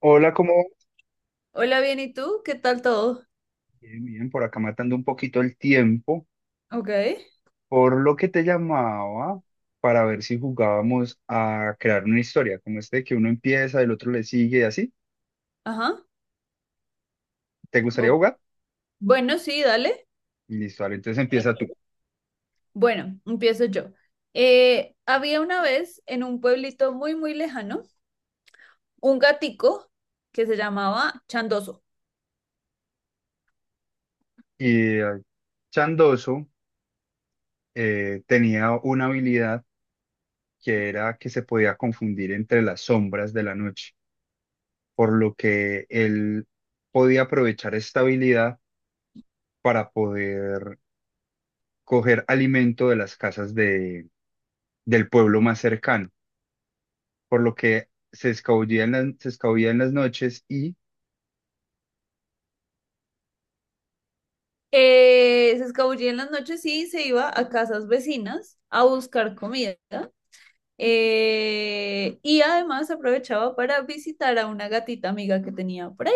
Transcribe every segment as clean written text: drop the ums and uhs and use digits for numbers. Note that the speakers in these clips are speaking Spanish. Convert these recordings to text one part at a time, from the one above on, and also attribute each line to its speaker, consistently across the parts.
Speaker 1: Hola, ¿cómo va?
Speaker 2: Hola, bien, ¿y tú? ¿Qué tal todo?
Speaker 1: Bien, bien, por acá matando un poquito el tiempo,
Speaker 2: Ok,
Speaker 1: por lo que te llamaba para ver si jugábamos a crear una historia, como este que uno empieza, el otro le sigue y así.
Speaker 2: ajá.
Speaker 1: ¿Te gustaría
Speaker 2: o-
Speaker 1: jugar?
Speaker 2: Bueno, sí, dale.
Speaker 1: Listo, vale, entonces empieza tú.
Speaker 2: Bueno, empiezo yo. Había una vez en un pueblito muy, muy lejano un gatico que se llamaba Chandoso.
Speaker 1: Y Chandoso tenía una habilidad que era que se podía confundir entre las sombras de la noche, por lo que él podía aprovechar esta habilidad para poder coger alimento de las casas del pueblo más cercano, por lo que se escabullía en las noches y
Speaker 2: Se escabullía en las noches y se iba a casas vecinas a buscar comida. Y además aprovechaba para visitar a una gatita amiga que tenía por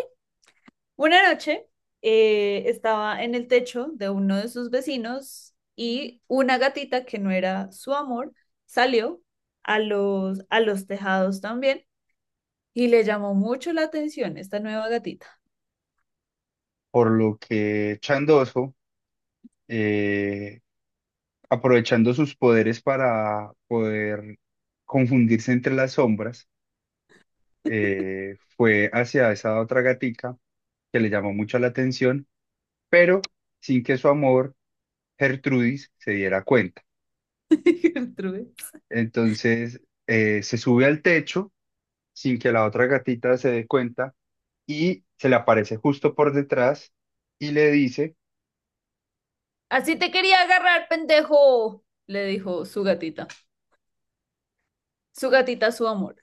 Speaker 2: una noche estaba en el techo de uno de sus vecinos y una gatita que no era su amor salió a los tejados también y le llamó mucho la atención esta nueva gatita.
Speaker 1: por lo que Chandoso, eh, aprovechando sus poderes para poder confundirse entre las sombras, fue hacia esa otra gatica que le llamó mucho la atención, pero sin que su amor, Gertrudis, se diera cuenta.
Speaker 2: Gertrude.
Speaker 1: Entonces, se sube al techo sin que la otra gatita se dé cuenta y se le aparece justo por detrás y le dice
Speaker 2: Así te quería agarrar, pendejo, le dijo su gatita. Su gatita, su amor.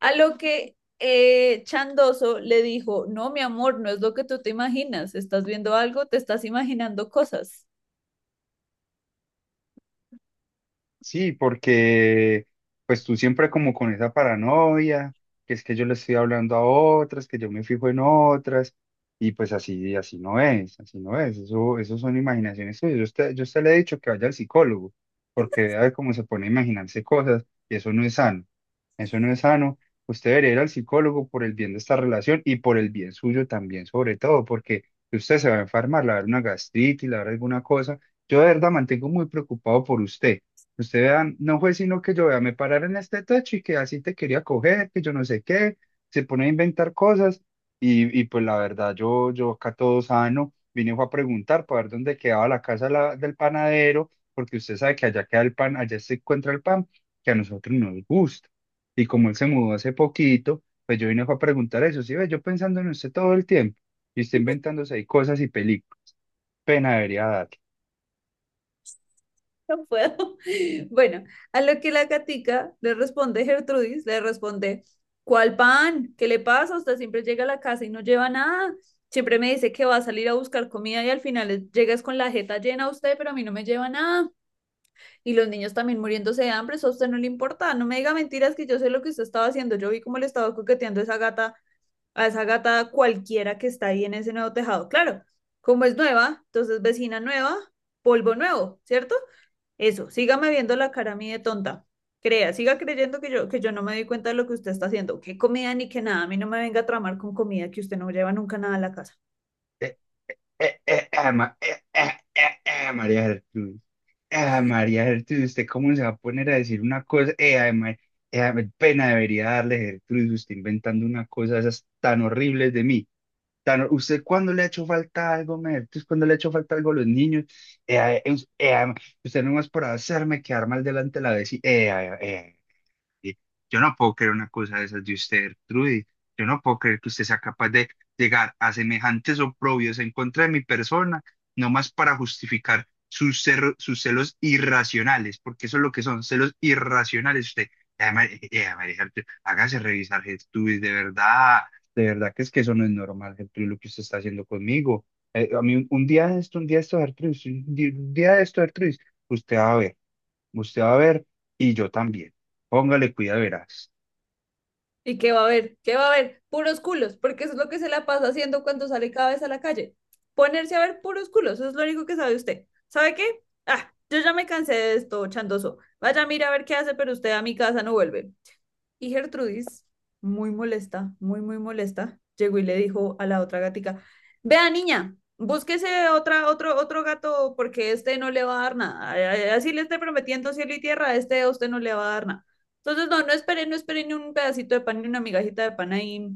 Speaker 2: A lo que Chandoso le dijo, no, mi amor, no es lo que tú te imaginas, estás viendo algo, te estás imaginando cosas.
Speaker 1: sí, porque pues tú siempre como con esa paranoia, que es que yo le estoy hablando a otras, que yo me fijo en otras, y pues así, así no es, eso son imaginaciones suyas. Yo a usted le he dicho que vaya al psicólogo, porque vea de cómo se pone a imaginarse cosas, y eso no es sano, eso no es sano. Usted debería ir al psicólogo por el bien de esta relación y por el bien suyo también, sobre todo, porque si usted se va a enfermar, le va a dar una gastritis, le va a dar alguna cosa. Yo de verdad mantengo muy preocupado por usted. Usted vea no fue sino que yo vea, me pararon en este techo y que así te quería coger, que yo no sé qué, se pone a inventar cosas y pues la verdad, yo acá todo sano, vine fue a preguntar para ver dónde quedaba del panadero, porque usted sabe que allá queda el pan, allá se encuentra el pan que a nosotros nos gusta. Y como él se mudó hace poquito, pues yo vine fue a preguntar eso, sí ve, yo pensando en usted todo el tiempo y usted inventándose ahí cosas y películas, pena debería darle.
Speaker 2: No puedo. Bueno, a lo que la gatica le responde, Gertrudis, le responde, ¿cuál pan? ¿Qué le pasa? Usted siempre llega a la casa y no lleva nada. Siempre me dice que va a salir a buscar comida y al final llegas con la jeta llena usted, pero a mí no me lleva nada. Y los niños también muriéndose de hambre, eso a usted no le importa. No me diga mentiras que yo sé lo que usted estaba haciendo. Yo vi cómo le estaba coqueteando a esa gata cualquiera que está ahí en ese nuevo tejado. Claro, como es nueva, entonces vecina nueva, polvo nuevo, ¿cierto? Eso, sígame viendo la cara a mí de tonta. Crea, siga creyendo que yo no me doy cuenta de lo que usted está haciendo. Qué comida ni qué nada, a mí no me venga a tramar con comida que usted no lleva nunca nada a la casa.
Speaker 1: Eh, eh, ah, ma- eh, eh, eh, María Gertrudis. Ah, María Gertrudis, ¿usted cómo se va a poner a decir una cosa? Ay, pena debería darle, Gertrudis, usted inventando una cosa de esas tan horribles de mí. ¿Usted cuándo le ha hecho falta algo, ma Gertrudis? ¿Cuándo le ha hecho falta algo a los niños? Ay, us- ay, ma- usted nomás por hacerme quedar mal delante de la vecina. Y Yo no puedo creer una cosa de esas de usted, Trudy. Yo no puedo creer que usted sea capaz de llegar a semejantes oprobios en contra de mi persona, nomás para justificar sus celos irracionales, porque eso es lo que son, celos irracionales. Usted, María Gertrude, hágase revisar, Gertrudis, de verdad que es que eso no es normal, Gertrude, lo que usted está haciendo conmigo. A mí un día de esto, un día de esto, Gertrudis, un día de esto, Gertrudis, usted va a ver. Usted va a ver y yo también. Póngale cuidado, verás.
Speaker 2: ¿Y qué va a haber? ¿Qué va a haber? Puros culos, porque eso es lo que se la pasa haciendo cuando sale cada vez a la calle. Ponerse a ver puros culos, eso es lo único que sabe usted. ¿Sabe qué? Ah, yo ya me cansé de esto, Chandoso. Vaya, mira a ver qué hace, pero usted a mi casa no vuelve. Y Gertrudis, muy molesta, muy, muy molesta, llegó y le dijo a la otra gatica, vea niña, búsquese otra, otro gato porque este no le va a dar nada. Así le esté prometiendo cielo y tierra, a este a usted no le va a dar nada. Entonces, no espere, no espere ni un pedacito de pan, ni una migajita de pan ahí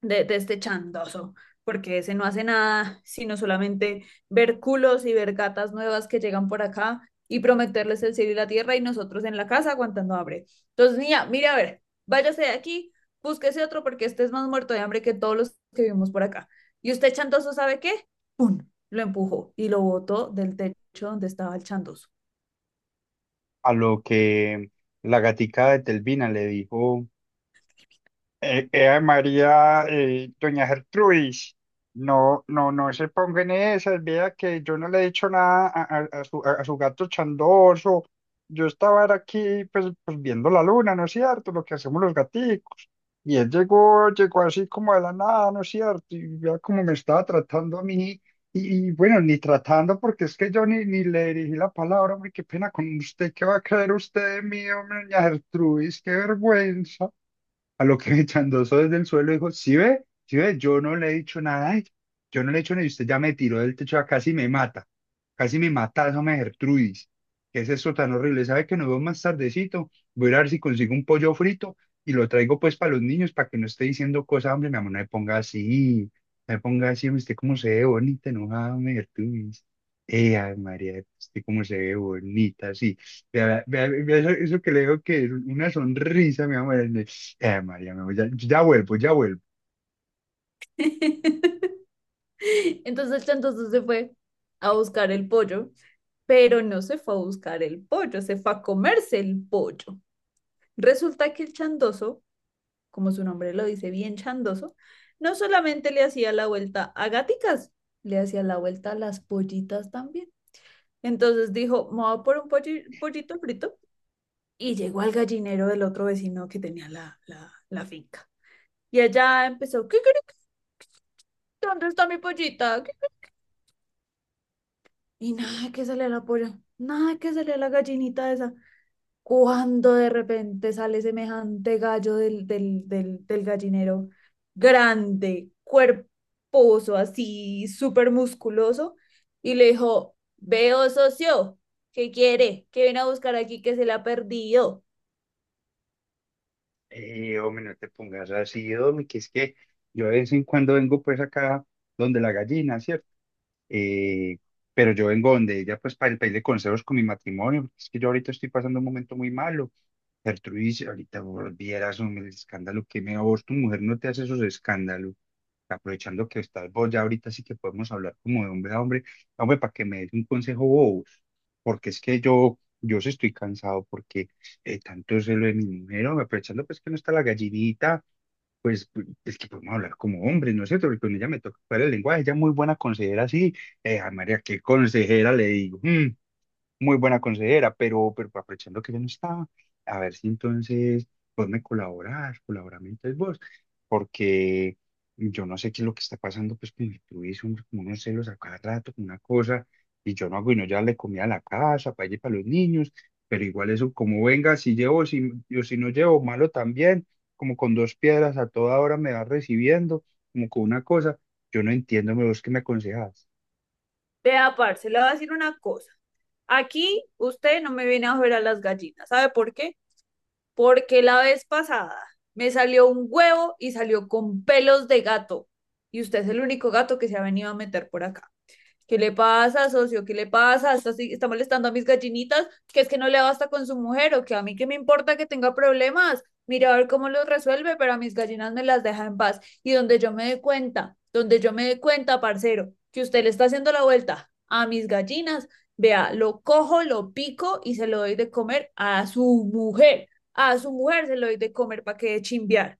Speaker 2: de este chandoso, porque ese no hace nada, sino solamente ver culos y ver gatas nuevas que llegan por acá y prometerles el cielo y la tierra y nosotros en la casa aguantando hambre. Entonces, niña, mire a ver, váyase de aquí, búsquese otro porque este es más muerto de hambre que todos los que vivimos por acá. Y usted chandoso, ¿sabe qué? ¡Pum! Lo empujó y lo botó del techo donde estaba el chandoso.
Speaker 1: A lo que la gatica de Telvina le dijo. María, doña Gertrudis, no, no, no se ponga en esas, vea que yo no le he dicho nada a su, a su gato chandoso. Yo estaba era aquí, pues, viendo la luna, ¿no es cierto? Lo que hacemos los gaticos. Y él llegó, llegó así como de la nada, ¿no es cierto? Y vea cómo me estaba tratando a mí. Bueno, ni tratando, porque es que yo ni, ni le dirigí la palabra, hombre, qué pena con usted, ¿qué va a creer usted de mí, hombre, doña Gertrudis? Qué vergüenza. A lo que Chandoso desde el suelo dijo, sí ve, yo no le he dicho nada a ella, yo no le he hecho nada y usted ya me tiró del techo, casi me mata, esa me Gertrudis, ¿qué es esto tan horrible? ¿Sabe que nos vemos más tardecito? Voy a ir a ver si consigo un pollo frito y lo traigo pues para los niños, para que no esté diciendo cosas, hombre, mi amor, no me ponga así, no me ponga así, hombre, usted cómo se ve bonita, enojada, hombre, Gertrudis. María, usted cómo se ve bonita, sí. Vea, vea, vea eso, eso que le digo que es una sonrisa, mi amor. María, me voy, ya, ya vuelvo, ya vuelvo.
Speaker 2: Entonces el chandoso se fue a buscar el pollo, pero no se fue a buscar el pollo, se fue a comerse el pollo. Resulta que el chandoso, como su nombre lo dice, bien chandoso, no solamente le hacía la vuelta a gaticas, le hacía la vuelta a las pollitas también. Entonces dijo, me voy por un pollito frito y llegó al gallinero del otro vecino que tenía la finca. Y allá empezó, ¿qué? ¿Dónde está mi pollita? Y nada que sale la polla, nada que sale la gallinita esa. Cuando de repente sale semejante gallo del gallinero, grande, cuerposo, así, súper musculoso, y le dijo, veo socio, ¿qué quiere? ¿Qué viene a buscar aquí que se le ha perdido?
Speaker 1: Hombre, no te pongas así, hombre, que es que yo de vez en cuando vengo pues acá donde la gallina, ¿cierto? Eh, pero yo vengo donde ella pues para el pedirle consejos con mi matrimonio, porque es que yo ahorita estoy pasando un momento muy malo. Gertrudis, ahorita volvieras, hombre, el escándalo que me a vos, tu mujer no te hace esos escándalos. Aprovechando que estás vos ya ahorita sí que podemos hablar como de hombre a hombre, hombre, para que me des un consejo vos, porque es que yo sí estoy cansado porque tanto celo de mi mujer, hombre, aprovechando pues que no está la gallinita, es que podemos hablar como hombres, ¿no es cierto? Porque con ella me toca para el lenguaje, ella es muy buena consejera, sí, María, qué consejera le digo, "Mm, muy buena consejera, pero aprovechando que yo no estaba, a ver si entonces vos me colaborás, colaborame entonces vos, porque yo no sé qué es lo que está pasando pues con mi Luis, hombre, como unos celos a cada rato, con una cosa, y yo no hago y no ya le comía a la casa, para allí para los niños, pero igual eso, como venga, si llevo, si, yo si no llevo, malo también, como con dos piedras a toda hora me va recibiendo, como con una cosa, yo no entiendo, ¿me vos qué me aconsejas?
Speaker 2: Vea, parce, le voy a decir una cosa. Aquí usted no me viene a joder a las gallinas, ¿sabe por qué? Porque la vez pasada me salió un huevo y salió con pelos de gato, y usted es el único gato que se ha venido a meter por acá. ¿Qué le pasa, socio? ¿Qué le pasa? ¿Está molestando a mis gallinitas? ¿Que es que no le basta con su mujer o que a mí qué me importa que tenga problemas? Mira a ver cómo los resuelve, pero a mis gallinas me las deja en paz. Y donde yo me dé cuenta, donde yo me dé cuenta, parcero, que usted le está haciendo la vuelta a mis gallinas, vea, lo cojo, lo pico y se lo doy de comer a su mujer. A su mujer se lo doy de comer para que de chimbear.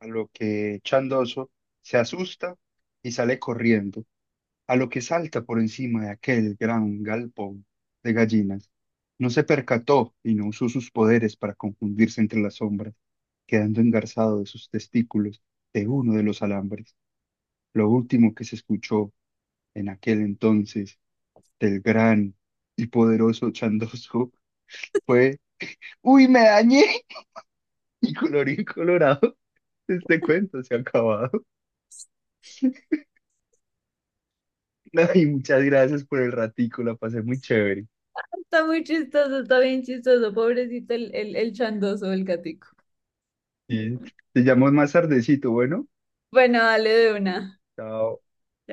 Speaker 1: A lo que Chandoso se asusta y sale corriendo, a lo que salta por encima de aquel gran galpón de gallinas. No se percató y no usó sus poderes para confundirse entre las sombras, quedando engarzado de sus testículos de uno de los alambres. Lo último que se escuchó en aquel entonces del gran y poderoso Chandoso fue, ¡Uy, me dañé! Y colorín colorado, este cuento se ha acabado. No, y muchas gracias por el ratico, la pasé muy chévere.
Speaker 2: Está muy chistoso, está bien chistoso, pobrecito el chandoso, el gatico.
Speaker 1: Sí. Te llamo más tardecito, bueno.
Speaker 2: Bueno, dale de una.
Speaker 1: Chao.
Speaker 2: Ya